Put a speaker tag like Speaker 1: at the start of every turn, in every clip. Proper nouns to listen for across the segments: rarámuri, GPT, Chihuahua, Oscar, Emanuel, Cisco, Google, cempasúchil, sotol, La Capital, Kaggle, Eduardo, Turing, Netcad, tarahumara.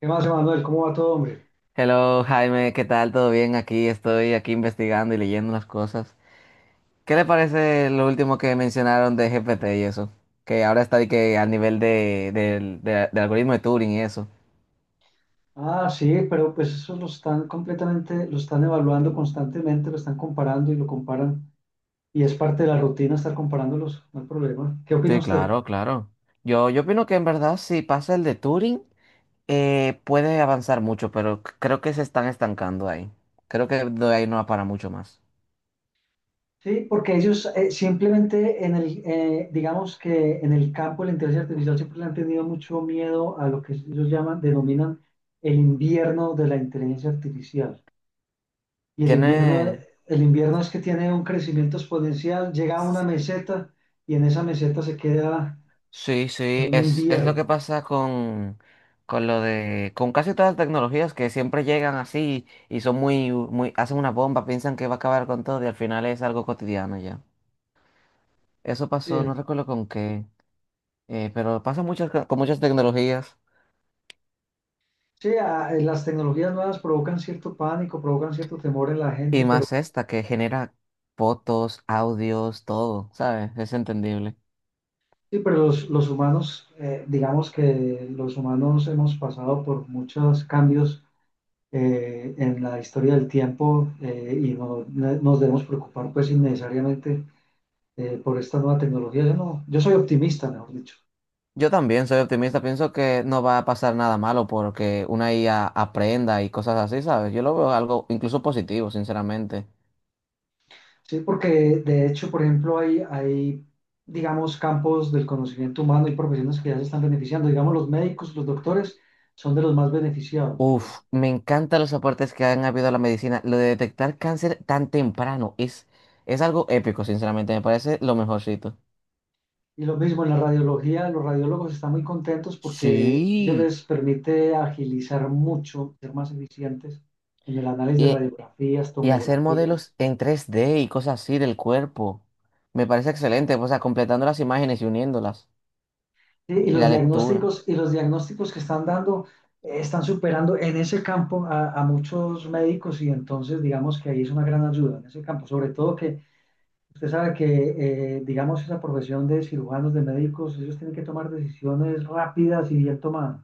Speaker 1: ¿Qué más, Emanuel? ¿Cómo va todo, hombre?
Speaker 2: Hello Jaime, ¿qué tal? ¿Todo bien? Aquí estoy aquí investigando y leyendo las cosas. ¿Qué le parece lo último que mencionaron de GPT y eso? Que ahora está de que al nivel de, del algoritmo de Turing y eso.
Speaker 1: Ah, sí, pero pues eso lo están completamente, lo están evaluando constantemente, lo están comparando y lo comparan. Y es parte de la rutina estar comparándolos, no hay problema. ¿Qué opina
Speaker 2: Sí,
Speaker 1: usted?
Speaker 2: claro, claro. Yo opino que en verdad si pasa el de Turing puede avanzar mucho, pero creo que se están estancando ahí. Creo que de ahí no va para mucho más.
Speaker 1: Sí, porque ellos simplemente en el, digamos que en el campo de la inteligencia artificial siempre le han tenido mucho miedo a lo que ellos llaman, denominan el invierno de la inteligencia artificial. Y
Speaker 2: Tiene,
Speaker 1: el invierno es que tiene un crecimiento exponencial, llega a una meseta y en esa meseta se queda
Speaker 2: sí,
Speaker 1: en
Speaker 2: sí,
Speaker 1: un
Speaker 2: es lo que
Speaker 1: invierno.
Speaker 2: pasa con casi todas las tecnologías que siempre llegan así y son muy, muy, hacen una bomba, piensan que va a acabar con todo y al final es algo cotidiano ya. Eso
Speaker 1: Sí,
Speaker 2: pasó, no recuerdo con qué, pero pasa muchas, con muchas tecnologías
Speaker 1: sí, ah, las tecnologías nuevas provocan cierto pánico, provocan cierto temor en la gente,
Speaker 2: y
Speaker 1: pero
Speaker 2: más esta que genera fotos, audios, todo, ¿sabes? Es entendible.
Speaker 1: sí, pero los humanos, digamos que los humanos hemos pasado por muchos cambios en la historia del tiempo y no, nos debemos preocupar pues innecesariamente por esta nueva tecnología. Yo no, yo soy optimista, mejor dicho.
Speaker 2: Yo también soy optimista, pienso que no va a pasar nada malo porque una IA aprenda y cosas así, ¿sabes? Yo lo veo algo incluso positivo, sinceramente.
Speaker 1: Sí, porque de hecho, por ejemplo, digamos, campos del conocimiento humano y profesiones que ya se están beneficiando. Digamos, los médicos, los doctores son de los más beneficiados, por
Speaker 2: Uf,
Speaker 1: ejemplo.
Speaker 2: me encantan los aportes que han habido a la medicina. Lo de detectar cáncer tan temprano es algo épico, sinceramente, me parece lo mejorcito.
Speaker 1: Y lo mismo en la radiología, los radiólogos están muy contentos porque ello
Speaker 2: Sí,
Speaker 1: les permite agilizar mucho, ser más eficientes en el análisis de
Speaker 2: y,
Speaker 1: radiografías,
Speaker 2: y hacer
Speaker 1: tomografías.
Speaker 2: modelos en 3D y cosas así del cuerpo. Me parece excelente, pues, o sea, completando las imágenes y uniéndolas.
Speaker 1: Sí,
Speaker 2: Y la lectura.
Speaker 1: y los diagnósticos que están dando están superando en ese campo a muchos médicos y entonces digamos que ahí es una gran ayuda en ese campo, sobre todo que usted sabe que digamos esa profesión de cirujanos, de médicos, ellos tienen que tomar decisiones rápidas y bien tomadas.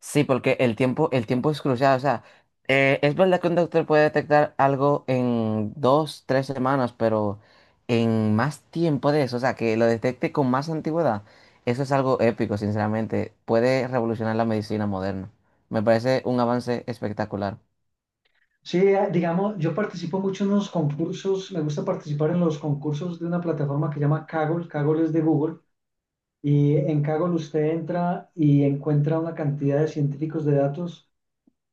Speaker 2: Sí, porque el tiempo es crucial. O sea, es verdad que un doctor puede detectar algo en dos, tres semanas, pero en más tiempo de eso, o sea, que lo detecte con más antigüedad, eso es algo épico, sinceramente. Puede revolucionar la medicina moderna. Me parece un avance espectacular.
Speaker 1: Sí, digamos, yo participo mucho en los concursos, me gusta participar en los concursos de una plataforma que se llama Kaggle, Kaggle es de Google, y en Kaggle usted entra y encuentra una cantidad de científicos de datos.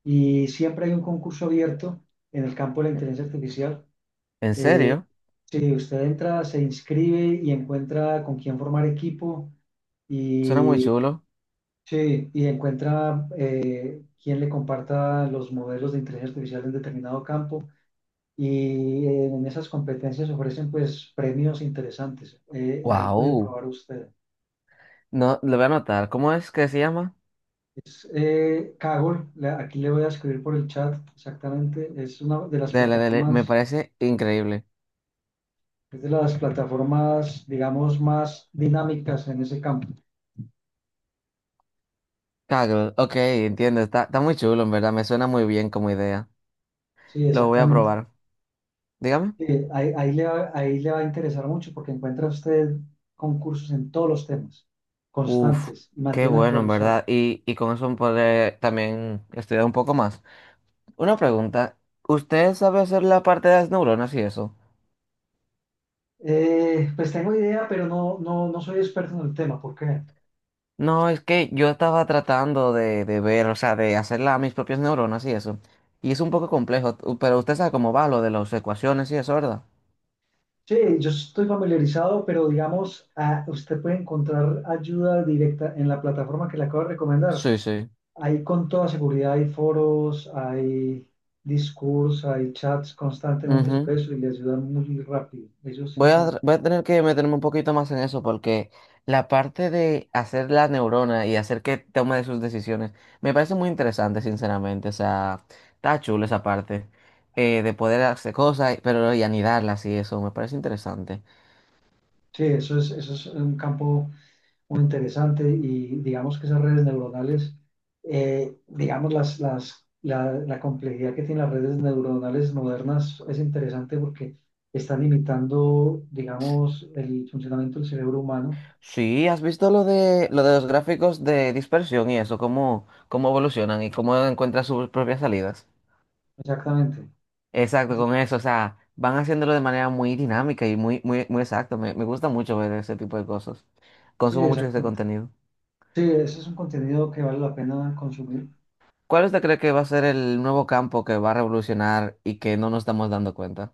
Speaker 1: Y siempre hay un concurso abierto en el campo de la inteligencia artificial.
Speaker 2: ¿En serio?
Speaker 1: Si usted entra, se inscribe y encuentra con quién formar equipo
Speaker 2: Suena muy
Speaker 1: y,
Speaker 2: chulo.
Speaker 1: sí, y encuentra quién le comparta los modelos de inteligencia artificial en determinado campo. Y en esas competencias ofrecen pues premios interesantes. Ahí puede
Speaker 2: Wow.
Speaker 1: probar usted.
Speaker 2: No, lo voy a anotar. ¿Cómo es que se llama?
Speaker 1: Kaggle, aquí le voy a escribir por el chat exactamente, es una de las
Speaker 2: Dele, dele. Me
Speaker 1: plataformas.
Speaker 2: parece increíble.
Speaker 1: Es de las plataformas, digamos, más dinámicas en ese campo.
Speaker 2: Kaggle. Ok, entiendo. Está, está muy chulo, en verdad. Me suena muy bien como idea.
Speaker 1: Sí,
Speaker 2: Lo voy a
Speaker 1: exactamente.
Speaker 2: probar. Dígame.
Speaker 1: Sí, ahí, ahí le va a interesar mucho porque encuentra usted concursos en todos los temas,
Speaker 2: Uf,
Speaker 1: constantes, y
Speaker 2: qué
Speaker 1: mantiene
Speaker 2: bueno, en
Speaker 1: actualizado.
Speaker 2: verdad. Y con eso podré también estudiar un poco más. Una pregunta. ¿Usted sabe hacer la parte de las neuronas y eso?
Speaker 1: Pues tengo idea, pero no, no, no soy experto en el tema. ¿Por qué?
Speaker 2: No, es que yo estaba tratando de ver, o sea, de hacer mis propias neuronas y eso. Y es un poco complejo, pero usted sabe cómo va lo de las ecuaciones y eso, ¿verdad?
Speaker 1: Sí, yo estoy familiarizado, pero digamos, ah, usted puede encontrar ayuda directa en la plataforma que le acabo de recomendar.
Speaker 2: Sí, sí.
Speaker 1: Hay con toda seguridad, hay foros, hay discursos, hay chats constantemente sobre eso y les ayudan muy rápido. Ellos sí
Speaker 2: Voy a,
Speaker 1: saben.
Speaker 2: voy a tener que meterme un poquito más en eso porque la parte de hacer la neurona y hacer que tome sus decisiones me parece muy interesante, sinceramente. O sea, está chulo esa parte de poder hacer cosas, pero y anidarlas y eso me parece interesante.
Speaker 1: Sí, eso es un campo muy interesante y digamos que esas redes neuronales, digamos, la complejidad que tienen las redes neuronales modernas es interesante porque están imitando, digamos, el funcionamiento del cerebro humano.
Speaker 2: Sí, ¿has visto lo de los gráficos de dispersión y eso, cómo, cómo evolucionan y cómo encuentran sus propias salidas?
Speaker 1: Exactamente.
Speaker 2: Exacto,
Speaker 1: Entonces,
Speaker 2: con eso, o sea, van haciéndolo de manera muy dinámica y muy, muy, muy exacto. Me gusta mucho ver ese tipo de cosas.
Speaker 1: sí,
Speaker 2: Consumo mucho este
Speaker 1: exactamente.
Speaker 2: contenido.
Speaker 1: Sí, ese es un contenido que vale la pena consumir.
Speaker 2: ¿Cuál usted cree que va a ser el nuevo campo que va a revolucionar y que no nos estamos dando cuenta?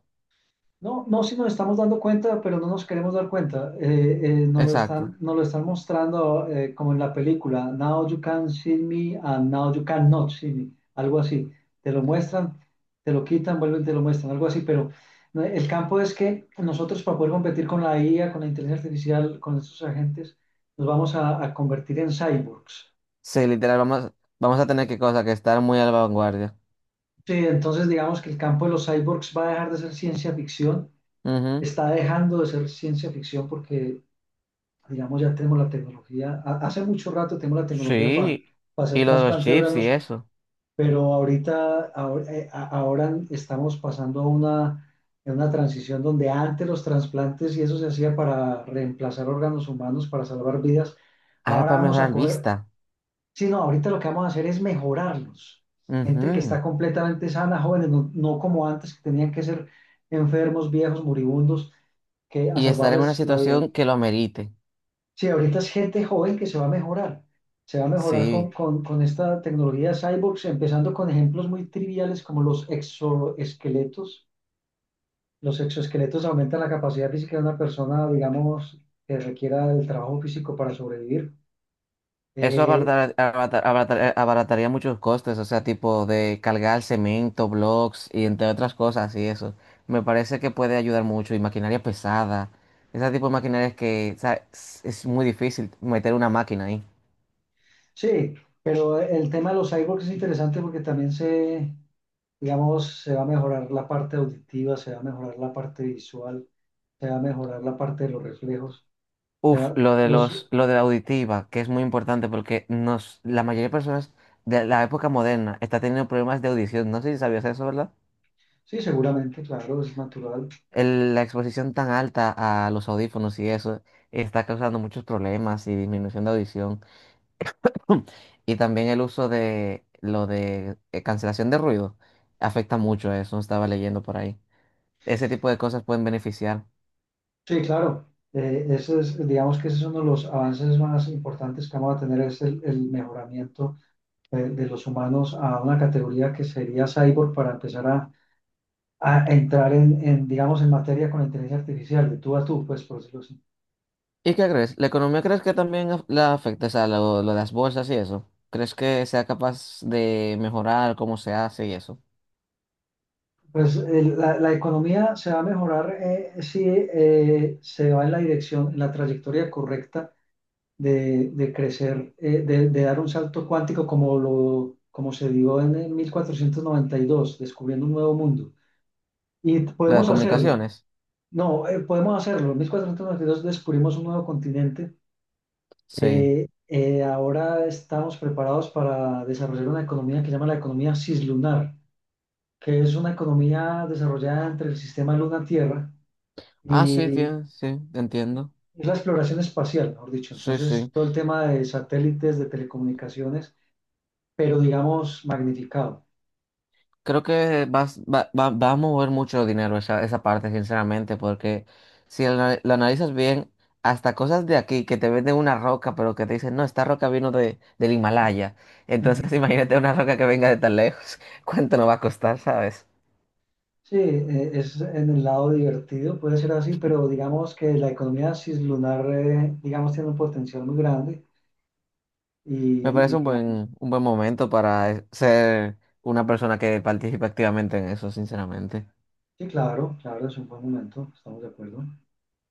Speaker 1: No, no, si nos estamos dando cuenta, pero no nos queremos dar cuenta.
Speaker 2: Exacto.
Speaker 1: Nos lo están mostrando como en la película, Now you can see me and now you cannot see me, algo así. Te lo muestran, te lo quitan, vuelven, te lo muestran, algo así. Pero no, el campo es que nosotros para poder competir con la IA, con la inteligencia artificial, con estos agentes, nos vamos a convertir en cyborgs.
Speaker 2: Sí, literal, vamos, vamos a tener que cosa que estar muy a la vanguardia.
Speaker 1: Sí, entonces digamos que el campo de los cyborgs va a dejar de ser ciencia ficción,
Speaker 2: Ujú.
Speaker 1: está dejando de ser ciencia ficción porque digamos, ya tenemos la tecnología, hace mucho rato tenemos la tecnología
Speaker 2: Sí,
Speaker 1: para hacer
Speaker 2: y lo de los
Speaker 1: trasplante de
Speaker 2: chips y
Speaker 1: órganos,
Speaker 2: eso.
Speaker 1: pero ahorita, ahora, ahora estamos pasando a una transición donde antes los trasplantes y eso se hacía para reemplazar órganos humanos, para salvar vidas,
Speaker 2: Ahora
Speaker 1: ahora
Speaker 2: para
Speaker 1: vamos a
Speaker 2: mejorar
Speaker 1: coger,
Speaker 2: vista.
Speaker 1: sí, no, ahorita lo que vamos a hacer es mejorarlos. Gente que
Speaker 2: Ujú.
Speaker 1: está completamente sana, jóvenes, no, no como antes, que tenían que ser enfermos, viejos, moribundos, que a
Speaker 2: Y estar en una
Speaker 1: salvarles la vida.
Speaker 2: situación que lo amerite.
Speaker 1: Sí, ahorita es gente joven que se va a mejorar. Se va a mejorar
Speaker 2: Sí.
Speaker 1: con esta tecnología cyborgs, empezando con ejemplos muy triviales como los exoesqueletos. Los exoesqueletos aumentan la capacidad física de una persona, digamos, que requiera del trabajo físico para sobrevivir.
Speaker 2: Eso
Speaker 1: Eh,
Speaker 2: abarataría muchos costes, o sea, tipo de cargar cemento, blocks y entre otras cosas y eso. Me parece que puede ayudar mucho y maquinaria pesada. Ese tipo de maquinarias que, o sea, es muy difícil meter una máquina ahí.
Speaker 1: sí, pero el tema de los cyborgs es interesante porque también se, digamos, se va a mejorar la parte auditiva, se va a mejorar la parte visual, se va a mejorar la parte de los reflejos. O
Speaker 2: Uf,
Speaker 1: sea,
Speaker 2: lo de
Speaker 1: los,
Speaker 2: los, lo de la auditiva, que es muy importante porque nos, la mayoría de personas de la época moderna está teniendo problemas de audición. No sé si sabías eso, ¿verdad?
Speaker 1: sí, seguramente, claro, es natural.
Speaker 2: La exposición tan alta a los audífonos y eso está causando muchos problemas y disminución de audición. Y también el uso de lo de cancelación de ruido afecta mucho a eso, estaba leyendo por ahí. Ese tipo de cosas pueden beneficiar.
Speaker 1: Sí, claro. Ese es, digamos que ese es uno de los avances más importantes que vamos a tener, el mejoramiento de los humanos a una categoría que sería cyborg para empezar a entrar en, digamos, en materia con la inteligencia artificial, de tú a tú, pues, por decirlo así.
Speaker 2: ¿Y qué crees? ¿La economía crees que también la afecta, o sea, lo de las bolsas y eso? ¿Crees que sea capaz de mejorar cómo se hace y eso?
Speaker 1: Pues la, la economía se va a mejorar si se va en la dirección, en la trayectoria correcta de crecer, de dar un salto cuántico como, lo, como se dio en el 1492, descubriendo un nuevo mundo. Y
Speaker 2: ¿Las
Speaker 1: podemos hacerlo.
Speaker 2: comunicaciones?
Speaker 1: No, podemos hacerlo. En 1492 descubrimos un nuevo continente.
Speaker 2: Sí.
Speaker 1: Ahora estamos preparados para desarrollar una economía que se llama la economía cislunar, que es una economía desarrollada entre el sistema Luna-Tierra
Speaker 2: Ah, sí,
Speaker 1: y
Speaker 2: tiene, sí, entiendo.
Speaker 1: es la exploración espacial, mejor dicho.
Speaker 2: Sí,
Speaker 1: Entonces,
Speaker 2: sí.
Speaker 1: todo el tema de satélites, de telecomunicaciones, pero digamos magnificado.
Speaker 2: Creo que va a mover mucho dinero esa, esa parte, sinceramente, porque si la, la analizas bien, hasta cosas de aquí que te venden una roca, pero que te dicen, no, esta roca vino de, del Himalaya. Entonces, imagínate una roca que venga de tan lejos. ¿Cuánto nos va a costar, sabes?
Speaker 1: Sí, es en el lado divertido, puede ser así, pero digamos que la economía cislunar, digamos, tiene un potencial muy grande y,
Speaker 2: Me
Speaker 1: y
Speaker 2: parece
Speaker 1: digamos,
Speaker 2: un buen momento para ser una persona que participe activamente en eso, sinceramente.
Speaker 1: sí, claro, claro, es un buen momento, estamos de acuerdo.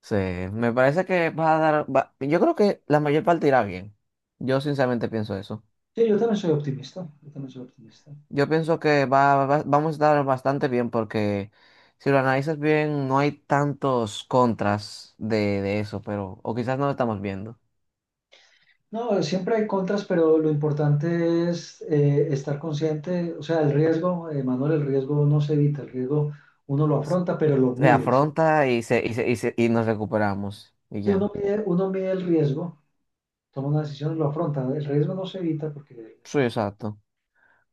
Speaker 2: Sí, me parece que va a dar, yo creo que la mayor parte irá bien. Yo sinceramente pienso eso.
Speaker 1: Sí, yo también soy optimista, yo también soy optimista.
Speaker 2: Yo pienso que vamos a estar bastante bien porque si lo analizas bien, no hay tantos contras de eso, pero, o quizás no lo estamos viendo.
Speaker 1: No, siempre hay contras, pero lo importante es estar consciente, o sea, el riesgo, Manuel, el riesgo no se evita, el riesgo uno lo afronta, pero lo
Speaker 2: Se
Speaker 1: mide. ¿Sí?
Speaker 2: afronta y, se, y, y nos recuperamos y
Speaker 1: Si uno
Speaker 2: ya.
Speaker 1: mide, uno mide el riesgo, toma una decisión y lo afronta, el riesgo no se evita porque el
Speaker 2: Sí,
Speaker 1: no se
Speaker 2: exacto.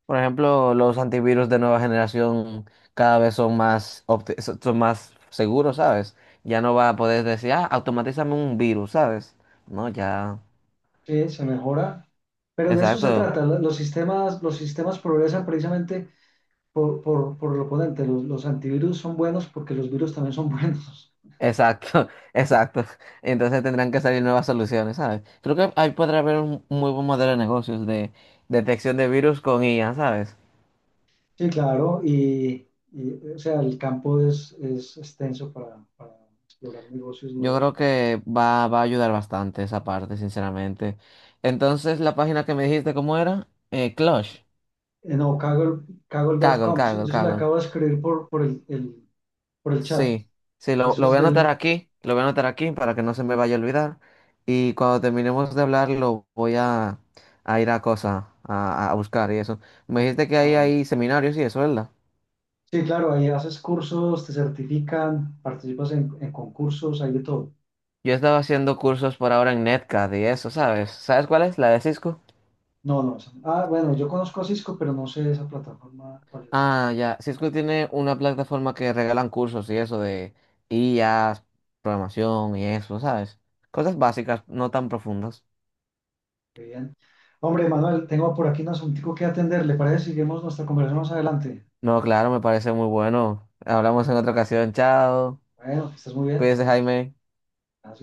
Speaker 2: Por ejemplo, los antivirus de nueva generación cada vez son más, son más seguros, ¿sabes? Ya no va a poder decir, ah, automatízame un virus, ¿sabes? No, ya.
Speaker 1: sí, se mejora, pero de eso se
Speaker 2: Exacto.
Speaker 1: trata. Los sistemas progresan precisamente por el oponente. Los antivirus son buenos porque los virus también son buenos.
Speaker 2: Exacto, exacto. Entonces tendrán que salir nuevas soluciones, ¿sabes? Creo que ahí podrá haber un muy buen modelo de negocios de detección de virus con IA, ¿sabes?
Speaker 1: Sí, claro, y, o sea, el campo es extenso para explorar negocios
Speaker 2: Yo
Speaker 1: nuevos.
Speaker 2: creo que va a ayudar bastante esa parte, sinceramente. Entonces, la página que me dijiste, ¿cómo era? Clutch.
Speaker 1: No, Kaggle,
Speaker 2: Kaggle,
Speaker 1: Kaggle.com, yo
Speaker 2: Kaggle,
Speaker 1: yo se lo
Speaker 2: Kaggle.
Speaker 1: acabo de escribir por por el chat.
Speaker 2: Sí, sí,
Speaker 1: Eso
Speaker 2: lo
Speaker 1: es
Speaker 2: voy a anotar
Speaker 1: del...
Speaker 2: aquí, lo voy a anotar aquí para que no se me vaya a olvidar. Y cuando terminemos de hablar, lo voy a ir a cosa, a buscar y eso. Me dijiste que
Speaker 1: ah,
Speaker 2: ahí
Speaker 1: bueno.
Speaker 2: hay seminarios y eso, ¿verdad?
Speaker 1: Sí, claro, ahí haces cursos, te certifican, participas en concursos, hay de todo.
Speaker 2: Yo estaba haciendo cursos por ahora en Netcad y eso, ¿sabes? ¿Sabes cuál es? La de Cisco.
Speaker 1: No, no. No. Ah, bueno, yo conozco a Cisco, pero no sé esa plataforma cuál es.
Speaker 2: Ah, ya, Cisco tiene una plataforma que regalan cursos y eso de IAs, programación y eso, ¿sabes? Cosas básicas, no tan profundas.
Speaker 1: Qué bien. Hombre, Manuel, tengo por aquí un asuntico que atender. ¿Le parece? Seguimos nuestra conversación más adelante.
Speaker 2: No, claro, me parece muy bueno. Hablamos en otra ocasión, chao.
Speaker 1: Bueno, que estés muy bien.
Speaker 2: Cuídese,
Speaker 1: Chao.
Speaker 2: Jaime.
Speaker 1: Gracias.